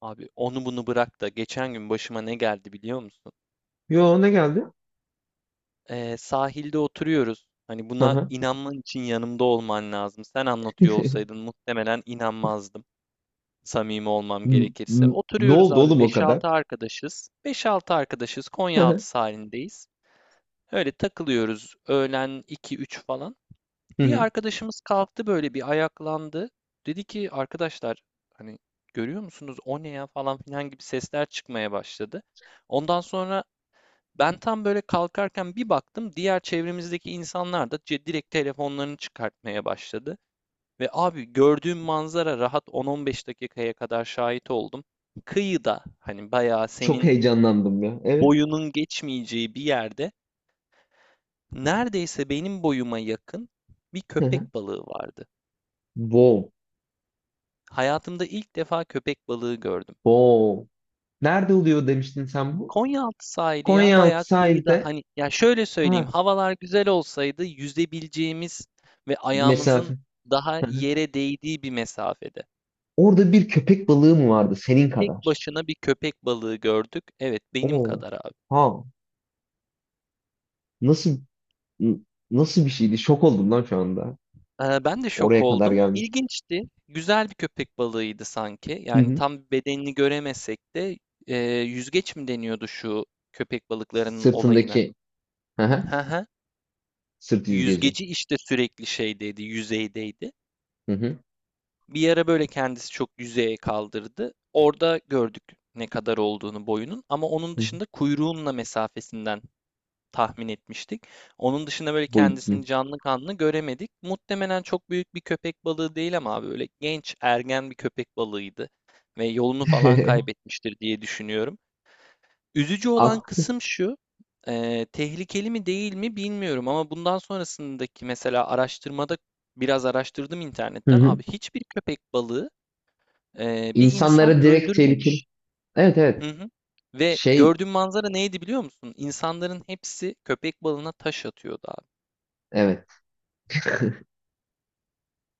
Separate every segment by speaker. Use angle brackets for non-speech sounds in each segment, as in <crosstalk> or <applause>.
Speaker 1: Abi onu bunu bırak da geçen gün başıma ne geldi biliyor musun?
Speaker 2: Yo, ne geldi?
Speaker 1: Sahilde oturuyoruz. Hani
Speaker 2: Hı
Speaker 1: buna
Speaker 2: hı.
Speaker 1: inanman için yanımda olman lazım. Sen anlatıyor
Speaker 2: <laughs>
Speaker 1: olsaydın muhtemelen inanmazdım. Samimi olmam gerekirse.
Speaker 2: Ne
Speaker 1: Oturuyoruz
Speaker 2: oldu
Speaker 1: abi
Speaker 2: oğlum o
Speaker 1: beş
Speaker 2: kadar?
Speaker 1: altı arkadaşız. Beş altı arkadaşız
Speaker 2: Hı hı.
Speaker 1: Konyaaltı sahilindeyiz. Öyle takılıyoruz öğlen iki üç falan.
Speaker 2: Hı
Speaker 1: Bir
Speaker 2: hı.
Speaker 1: arkadaşımız kalktı böyle bir ayaklandı. Dedi ki arkadaşlar hani görüyor musunuz o ne ya falan filan gibi sesler çıkmaya başladı. Ondan sonra ben tam böyle kalkarken bir baktım diğer çevremizdeki insanlar da direkt telefonlarını çıkartmaya başladı. Ve abi gördüğüm manzara rahat 10-15 dakikaya kadar şahit oldum. Kıyıda hani bayağı
Speaker 2: Çok
Speaker 1: senin
Speaker 2: heyecanlandım ya. Evet.
Speaker 1: boyunun geçmeyeceği bir yerde neredeyse benim boyuma yakın bir
Speaker 2: Hı hı.
Speaker 1: köpek balığı vardı.
Speaker 2: Wow.
Speaker 1: Hayatımda ilk defa köpek balığı gördüm.
Speaker 2: Wow. Nerede oluyor demiştin sen bu?
Speaker 1: Konyaaltı sahili ya
Speaker 2: Konyaaltı
Speaker 1: bayağı kıyıda
Speaker 2: sahilde.
Speaker 1: hani ya şöyle söyleyeyim
Speaker 2: Ha.
Speaker 1: havalar güzel olsaydı yüzebileceğimiz ve ayağımızın
Speaker 2: Mesafe.
Speaker 1: daha
Speaker 2: Hı hı.
Speaker 1: yere değdiği bir mesafede.
Speaker 2: Orada bir köpek balığı mı vardı senin
Speaker 1: Tek
Speaker 2: kadar?
Speaker 1: başına bir köpek balığı gördük. Evet benim
Speaker 2: Oo.
Speaker 1: kadar abi.
Speaker 2: Ha. Nasıl n- nasıl bir şeydi? Şok oldum lan şu anda.
Speaker 1: Ben de şok
Speaker 2: Oraya kadar
Speaker 1: oldum.
Speaker 2: geldim.
Speaker 1: İlginçti. Güzel bir köpek balığıydı sanki.
Speaker 2: Hı
Speaker 1: Yani
Speaker 2: hı.
Speaker 1: tam bedenini göremesek de yüzgeç mi deniyordu şu köpek balıklarının olayına?
Speaker 2: Sırtındaki. Hı hı.
Speaker 1: Hı hı.
Speaker 2: Sırt yüzgeci.
Speaker 1: Yüzgeci işte sürekli şeydeydi, yüzeydeydi.
Speaker 2: Hı hı.
Speaker 1: Bir ara böyle kendisi çok yüzeye kaldırdı. Orada gördük ne kadar olduğunu boyunun ama onun
Speaker 2: Hı hı.
Speaker 1: dışında kuyruğunla mesafesinden tahmin etmiştik. Onun dışında böyle
Speaker 2: Boyutunu.
Speaker 1: kendisini canlı kanlı göremedik. Muhtemelen çok büyük bir köpek balığı değil ama abi böyle genç ergen bir köpek balığıydı ve yolunu falan
Speaker 2: <laughs>
Speaker 1: kaybetmiştir diye düşünüyorum. Üzücü olan
Speaker 2: Ak.
Speaker 1: kısım şu, tehlikeli mi değil mi bilmiyorum ama bundan sonrasındaki mesela araştırmada biraz araştırdım
Speaker 2: Hı
Speaker 1: internetten
Speaker 2: hı.
Speaker 1: abi hiçbir köpek balığı bir
Speaker 2: İnsanlara
Speaker 1: insan
Speaker 2: direkt tehlikeli.
Speaker 1: öldürmemiş.
Speaker 2: Evet, evet.
Speaker 1: Hı hı. Ve
Speaker 2: Şey,
Speaker 1: gördüğüm manzara neydi biliyor musun? İnsanların hepsi köpek balığına taş atıyordu abi.
Speaker 2: evet.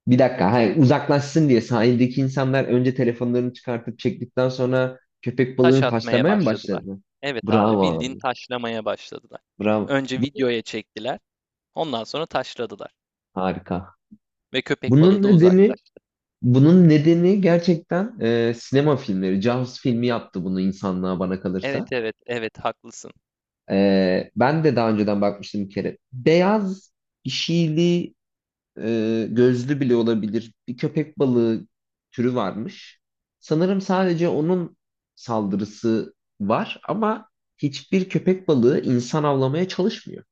Speaker 2: Bir dakika. Hayır, uzaklaşsın diye sahildeki insanlar önce telefonlarını çıkartıp çektikten sonra köpek
Speaker 1: Taş
Speaker 2: balığını
Speaker 1: atmaya
Speaker 2: taşlamaya mı
Speaker 1: başladılar.
Speaker 2: başladı?
Speaker 1: Evet abi,
Speaker 2: Bravo
Speaker 1: bildiğin
Speaker 2: abi.
Speaker 1: taşlamaya başladılar.
Speaker 2: Bravo.
Speaker 1: Önce
Speaker 2: Bu
Speaker 1: videoya çektiler, ondan sonra taşladılar
Speaker 2: harika.
Speaker 1: ve köpek
Speaker 2: Bunun
Speaker 1: balığı da
Speaker 2: nedeni
Speaker 1: uzaklaştı.
Speaker 2: bunun nedeni gerçekten sinema filmleri. Jaws filmi yaptı bunu insanlığa bana
Speaker 1: Evet,
Speaker 2: kalırsa.
Speaker 1: evet, evet, haklısın.
Speaker 2: Ben de daha önceden bakmıştım bir kere. Beyaz işili gözlü bile olabilir bir köpek balığı türü varmış. Sanırım sadece onun saldırısı var ama hiçbir köpek balığı insan avlamaya çalışmıyor.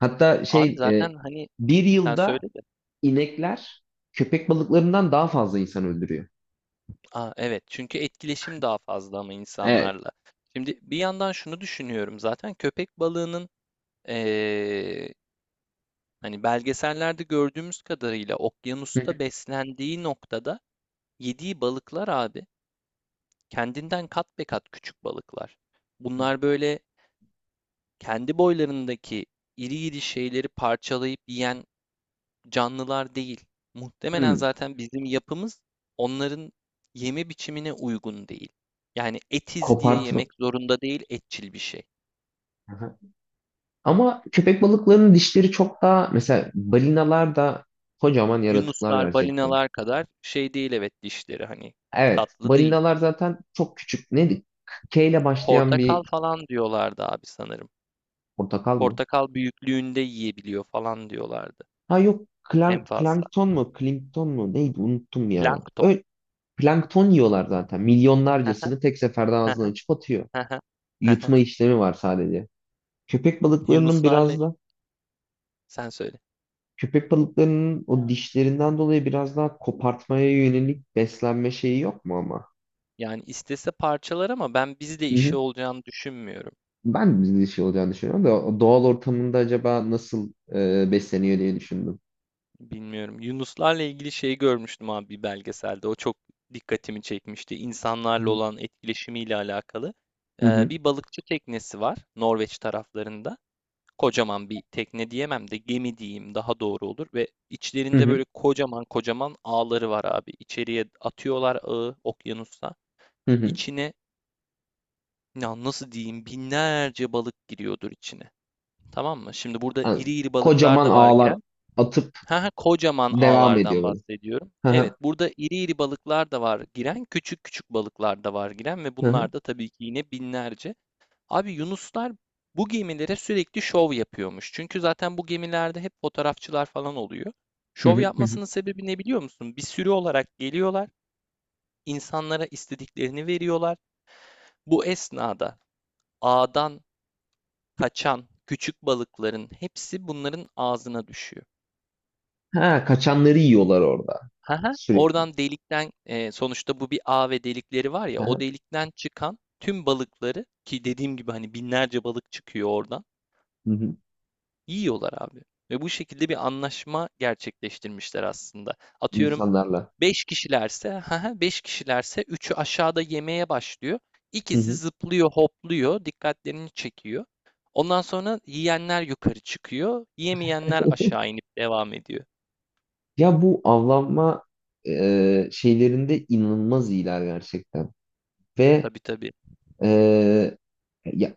Speaker 2: Hatta
Speaker 1: Abi
Speaker 2: şey
Speaker 1: zaten hani
Speaker 2: bir
Speaker 1: sen
Speaker 2: yılda
Speaker 1: söyle de.
Speaker 2: inekler köpek balıklarından daha fazla insan öldürüyor.
Speaker 1: Aa, evet çünkü etkileşim daha fazla ama
Speaker 2: Evet.
Speaker 1: insanlarla. Şimdi bir yandan şunu düşünüyorum zaten köpek balığının hani belgesellerde gördüğümüz kadarıyla
Speaker 2: Hı
Speaker 1: okyanusta
Speaker 2: hı.
Speaker 1: beslendiği noktada yediği balıklar abi kendinden kat be kat küçük balıklar. Bunlar böyle kendi boylarındaki iri iri şeyleri parçalayıp yiyen canlılar değil. Muhtemelen
Speaker 2: Hmm,
Speaker 1: zaten bizim yapımız onların yeme biçimine uygun değil. Yani etiz diye
Speaker 2: kopartma.
Speaker 1: yemek zorunda değil, etçil bir şey.
Speaker 2: Aha. Ama köpek balıklarının dişleri çok daha mesela balinalar da kocaman yaratıklar
Speaker 1: Yunuslar,
Speaker 2: gerçekten.
Speaker 1: balinalar kadar şey değil evet dişleri hani
Speaker 2: Evet.
Speaker 1: tatlı değil.
Speaker 2: Balinalar zaten çok küçük. Neydi? K ile başlayan
Speaker 1: Portakal
Speaker 2: bir
Speaker 1: falan diyorlardı abi sanırım.
Speaker 2: portakal mı?
Speaker 1: Portakal büyüklüğünde yiyebiliyor falan diyorlardı
Speaker 2: Ha yok.
Speaker 1: en
Speaker 2: Klank,
Speaker 1: fazla.
Speaker 2: plankton mu? Klinkton mu? Neydi? Unuttum ya.
Speaker 1: Plankton.
Speaker 2: Öyle, plankton yiyorlar zaten. Milyonlarcasını tek seferde ağzından açıp
Speaker 1: <laughs>
Speaker 2: atıyor. Yutma işlemi var sadece. Köpek balıklarının
Speaker 1: Yunuslarla
Speaker 2: biraz da
Speaker 1: sen söyle.
Speaker 2: köpek balıklarının o dişlerinden dolayı biraz daha kopartmaya yönelik beslenme şeyi yok mu ama?
Speaker 1: Yani istese parçalar ama ben bizle
Speaker 2: Hı hı.
Speaker 1: işi olacağını düşünmüyorum.
Speaker 2: Ben de bir şey olacağını düşünüyorum da o doğal ortamında acaba nasıl besleniyor diye düşündüm.
Speaker 1: Bilmiyorum. Yunuslarla ilgili şeyi görmüştüm abi bir belgeselde. O çok dikkatimi çekmişti. İnsanlarla olan etkileşimiyle alakalı.
Speaker 2: Hı hı.
Speaker 1: Bir balıkçı teknesi var Norveç taraflarında. Kocaman bir tekne diyemem de gemi diyeyim daha doğru olur ve
Speaker 2: Hı
Speaker 1: içlerinde
Speaker 2: hı.
Speaker 1: böyle kocaman kocaman ağları var abi. İçeriye atıyorlar ağı okyanusta.
Speaker 2: Hı hı.
Speaker 1: İçine ya nasıl diyeyim binlerce balık giriyordur içine. Tamam mı? Şimdi burada
Speaker 2: Yani
Speaker 1: iri iri balıklar
Speaker 2: kocaman
Speaker 1: da var
Speaker 2: ağlar
Speaker 1: giren.
Speaker 2: atıp
Speaker 1: Ha, ha, kocaman
Speaker 2: devam ediyor
Speaker 1: ağlardan
Speaker 2: böyle.
Speaker 1: bahsediyorum.
Speaker 2: Hı
Speaker 1: Evet,
Speaker 2: hı.
Speaker 1: burada iri iri balıklar da var giren, küçük küçük balıklar da var giren ve
Speaker 2: Hı hı.
Speaker 1: bunlar da tabii ki yine binlerce. Abi Yunuslar bu gemilere sürekli şov yapıyormuş. Çünkü zaten bu gemilerde hep fotoğrafçılar falan oluyor.
Speaker 2: Hı
Speaker 1: Şov
Speaker 2: hı. Hı hı.
Speaker 1: yapmasının sebebi ne biliyor musun? Bir sürü olarak geliyorlar, insanlara istediklerini veriyorlar. Bu esnada ağdan kaçan küçük balıkların hepsi bunların ağzına düşüyor.
Speaker 2: Ha, kaçanları yiyorlar orada
Speaker 1: Haha,
Speaker 2: sürekli.
Speaker 1: oradan delikten sonuçta bu bir ağ ve delikleri var
Speaker 2: Hı
Speaker 1: ya o
Speaker 2: hı.
Speaker 1: delikten çıkan tüm balıkları ki dediğim gibi hani binlerce balık çıkıyor oradan.
Speaker 2: Hı hı.
Speaker 1: Yiyorlar abi ve bu şekilde bir anlaşma gerçekleştirmişler aslında. Atıyorum
Speaker 2: İnsanlarla.
Speaker 1: 5 kişilerse, <laughs> 5 kişilerse üçü aşağıda yemeye başlıyor.
Speaker 2: Hı
Speaker 1: İkisi
Speaker 2: hı.
Speaker 1: zıplıyor, hopluyor, dikkatlerini çekiyor. Ondan sonra yiyenler yukarı çıkıyor, yemeyenler aşağı inip devam ediyor.
Speaker 2: Ya, bu avlanma şeylerinde inanılmaz iyiler gerçekten. Ve
Speaker 1: Tabii, tabii.
Speaker 2: e, ya,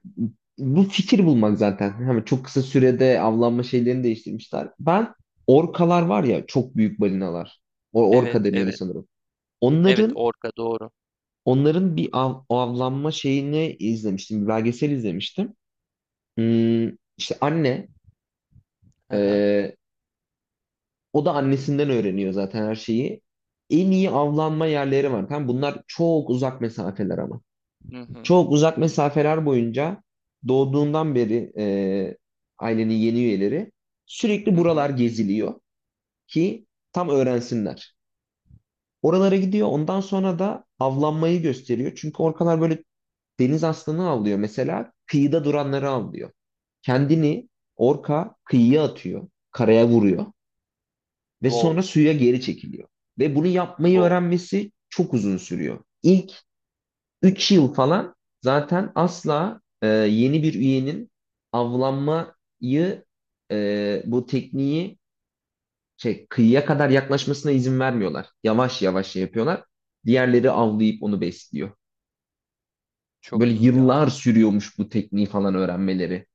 Speaker 2: bu fikir bulmak zaten. Hemen çok kısa sürede avlanma şeylerini değiştirmişler. Ben orkalar var ya, çok büyük balinalar. O
Speaker 1: Evet,
Speaker 2: orka deniyordu
Speaker 1: evet.
Speaker 2: sanırım.
Speaker 1: Evet,
Speaker 2: Onların
Speaker 1: orka doğru.
Speaker 2: Onların bir avlanma şeyini izlemiştim. Bir belgesel izlemiştim. Hmm, işte anne
Speaker 1: Hı hı.
Speaker 2: e, o da annesinden öğreniyor zaten her şeyi. En iyi avlanma yerleri var. Tamam, bunlar çok uzak mesafeler ama.
Speaker 1: Hı hı.
Speaker 2: Çok uzak mesafeler boyunca doğduğundan beri ailenin yeni üyeleri sürekli
Speaker 1: Hı
Speaker 2: buralar
Speaker 1: hı.
Speaker 2: geziliyor ki tam öğrensinler. Oralara gidiyor. Ondan sonra da avlanmayı gösteriyor. Çünkü orkalar böyle deniz aslanı avlıyor, mesela kıyıda duranları avlıyor. Kendini orka kıyıya atıyor, karaya vuruyor ve sonra
Speaker 1: Wow.
Speaker 2: suya geri çekiliyor. Ve bunu yapmayı
Speaker 1: Wow.
Speaker 2: öğrenmesi çok uzun sürüyor. İlk 3 yıl falan zaten asla yeni bir üyenin avlanmayı bu tekniği şey, kıyıya kadar yaklaşmasına izin vermiyorlar. Yavaş yavaş şey yapıyorlar. Diğerleri avlayıp onu besliyor. Böyle
Speaker 1: Çok iyi ya.
Speaker 2: yıllar sürüyormuş bu tekniği falan öğrenmeleri.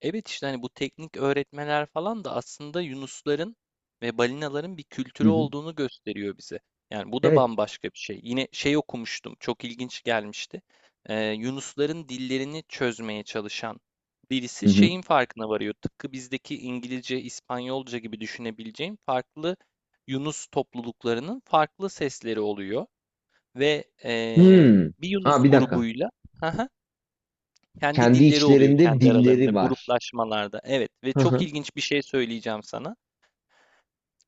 Speaker 1: Evet, işte, hani, bu teknik öğretmeler falan da aslında yunusların ve balinaların bir
Speaker 2: Hı
Speaker 1: kültürü
Speaker 2: hı.
Speaker 1: olduğunu gösteriyor bize. Yani, bu da
Speaker 2: Evet.
Speaker 1: bambaşka bir şey. Yine şey okumuştum, çok ilginç gelmişti. Yunusların dillerini çözmeye çalışan birisi
Speaker 2: Hı hı.
Speaker 1: şeyin farkına varıyor. Tıpkı bizdeki İngilizce, İspanyolca gibi düşünebileceğin farklı yunus topluluklarının farklı sesleri oluyor ve,
Speaker 2: Hmm.
Speaker 1: bir yunus
Speaker 2: Ha, bir dakika.
Speaker 1: grubuyla <laughs> kendi
Speaker 2: Kendi
Speaker 1: dilleri oluyor
Speaker 2: içlerinde
Speaker 1: kendi aralarında
Speaker 2: dilleri var.
Speaker 1: gruplaşmalarda. Evet ve
Speaker 2: Hı
Speaker 1: çok
Speaker 2: hı.
Speaker 1: ilginç bir şey söyleyeceğim sana.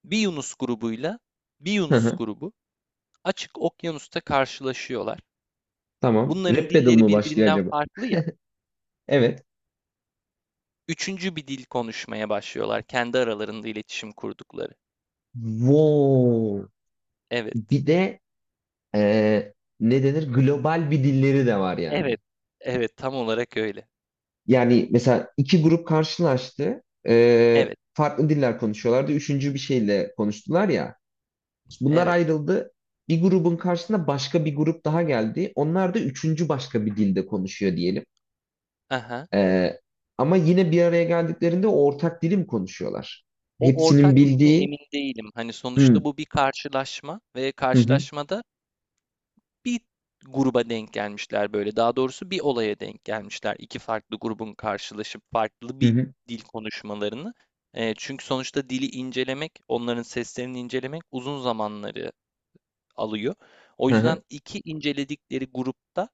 Speaker 1: Bir Yunus grubuyla bir
Speaker 2: Hı
Speaker 1: Yunus
Speaker 2: hı.
Speaker 1: grubu açık okyanusta karşılaşıyorlar.
Speaker 2: Tamam.
Speaker 1: Bunların
Speaker 2: Rap battle
Speaker 1: dilleri
Speaker 2: mı başlıyor
Speaker 1: birbirinden
Speaker 2: acaba?
Speaker 1: farklı ya.
Speaker 2: Evet.
Speaker 1: Üçüncü bir dil konuşmaya başlıyorlar kendi aralarında iletişim kurdukları.
Speaker 2: Wow.
Speaker 1: Evet.
Speaker 2: Bir de eee, ne denir? Global bir dilleri de var
Speaker 1: Evet.
Speaker 2: yani.
Speaker 1: Evet tam olarak öyle.
Speaker 2: Yani mesela iki grup karşılaştı.
Speaker 1: Evet.
Speaker 2: Farklı diller konuşuyorlardı. Üçüncü bir şeyle konuştular ya. Bunlar
Speaker 1: Evet.
Speaker 2: ayrıldı. Bir grubun karşısına başka bir grup daha geldi. Onlar da üçüncü başka bir dilde konuşuyor diyelim.
Speaker 1: Aha.
Speaker 2: Ee, Ama yine bir araya geldiklerinde ortak dilim konuşuyorlar.
Speaker 1: O
Speaker 2: Hepsinin
Speaker 1: ortak dil mi
Speaker 2: bildiği
Speaker 1: emin değilim. Hani
Speaker 2: hı
Speaker 1: sonuçta bu bir karşılaşma ve
Speaker 2: hı hı
Speaker 1: karşılaşmada bir gruba denk gelmişler böyle. Daha doğrusu bir olaya denk gelmişler. İki farklı grubun karşılaşıp farklı
Speaker 2: hı
Speaker 1: bir
Speaker 2: hı
Speaker 1: dil konuşmalarını. Çünkü sonuçta dili incelemek, onların seslerini incelemek uzun zamanları alıyor. O
Speaker 2: hı
Speaker 1: yüzden
Speaker 2: hı."
Speaker 1: iki inceledikleri grupta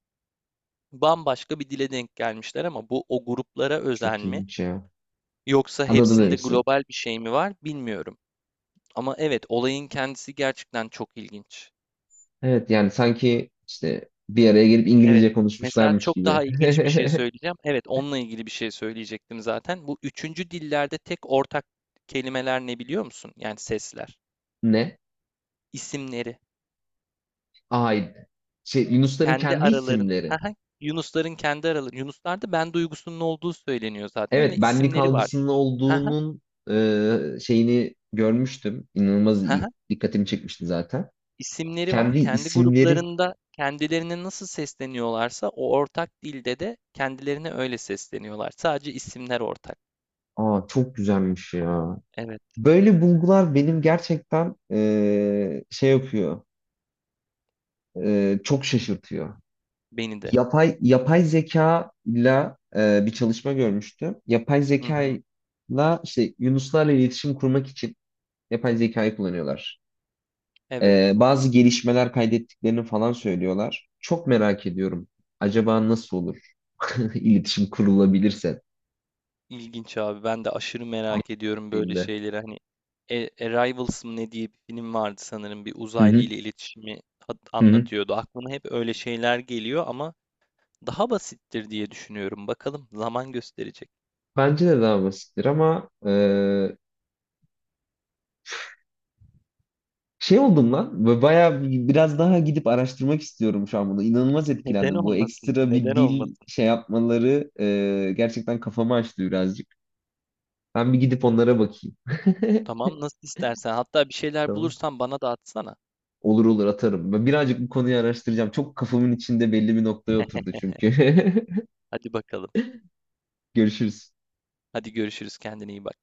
Speaker 1: bambaşka bir dile denk gelmişler ama bu o gruplara özel
Speaker 2: Çok
Speaker 1: mi
Speaker 2: ilginç ya.
Speaker 1: yoksa
Speaker 2: Anladım
Speaker 1: hepsinde
Speaker 2: demişsin.
Speaker 1: global bir şey mi var bilmiyorum. Ama evet olayın kendisi gerçekten çok ilginç.
Speaker 2: Evet, yani sanki işte bir araya gelip
Speaker 1: Evet.
Speaker 2: İngilizce
Speaker 1: Mesela
Speaker 2: konuşmuşlarmış
Speaker 1: çok
Speaker 2: gibi.
Speaker 1: daha ilginç bir şey
Speaker 2: <laughs>
Speaker 1: söyleyeceğim. Evet, onunla ilgili bir şey söyleyecektim zaten. Bu üçüncü dillerde tek ortak kelimeler ne biliyor musun? Yani sesler,
Speaker 2: Ne?
Speaker 1: isimleri,
Speaker 2: Ay şey, Yunusların
Speaker 1: kendi
Speaker 2: kendi
Speaker 1: araların. <laughs>
Speaker 2: isimleri.
Speaker 1: Haha, Yunusların kendi araları. Yunuslarda ben duygusunun olduğu söyleniyor zaten
Speaker 2: Evet,
Speaker 1: ve
Speaker 2: benlik
Speaker 1: isimleri var.
Speaker 2: algısının
Speaker 1: Haha,
Speaker 2: olduğunun şeyini görmüştüm. İnanılmaz iyi-
Speaker 1: haha,
Speaker 2: dikkatimi çekmişti zaten.
Speaker 1: isimleri var.
Speaker 2: Kendi
Speaker 1: Kendi
Speaker 2: isimleri.
Speaker 1: gruplarında kendilerine nasıl sesleniyorlarsa o ortak dilde de kendilerine öyle sesleniyorlar. Sadece isimler ortak.
Speaker 2: Aa çok güzelmiş ya.
Speaker 1: Evet,
Speaker 2: Böyle bulgular benim gerçekten şey yapıyor, çok şaşırtıyor.
Speaker 1: beni de.
Speaker 2: Yapay zeka ile bir çalışma görmüştüm. Yapay
Speaker 1: Hı hı,
Speaker 2: zekayla işte yunuslarla iletişim kurmak için yapay zekayı kullanıyorlar.
Speaker 1: evet.
Speaker 2: Bazı gelişmeler kaydettiklerini falan söylüyorlar. Çok merak ediyorum. Acaba nasıl olur? <laughs> İletişim kurulabilirse
Speaker 1: İlginç abi. Ben de aşırı merak ediyorum böyle
Speaker 2: dediğimde.
Speaker 1: şeyleri. Hani Arrivals mı ne diye bir film vardı sanırım. Bir
Speaker 2: Hı
Speaker 1: uzaylı
Speaker 2: hı,
Speaker 1: ile iletişimi
Speaker 2: hı hı.
Speaker 1: anlatıyordu. Aklıma hep öyle şeyler geliyor ama daha basittir diye düşünüyorum. Bakalım zaman gösterecek.
Speaker 2: Bence de daha basittir ama şey oldum lan. Ve bayağı biraz daha gidip araştırmak istiyorum şu an bunu. İnanılmaz
Speaker 1: <laughs> Neden
Speaker 2: etkilendim. Bu
Speaker 1: olmasın?
Speaker 2: ekstra bir
Speaker 1: Neden
Speaker 2: dil
Speaker 1: olmasın?
Speaker 2: şey yapmaları gerçekten kafamı açtı birazcık. Ben bir gidip onlara bakayım. <laughs>
Speaker 1: Tamam nasıl istersen. Hatta bir şeyler
Speaker 2: Tamam.
Speaker 1: bulursan bana da atsana.
Speaker 2: Olur olur, atarım. Ben birazcık bu konuyu araştıracağım. Çok kafamın içinde belli bir noktaya oturdu çünkü.
Speaker 1: Hadi bakalım.
Speaker 2: <laughs> Görüşürüz.
Speaker 1: Hadi görüşürüz. Kendine iyi bak.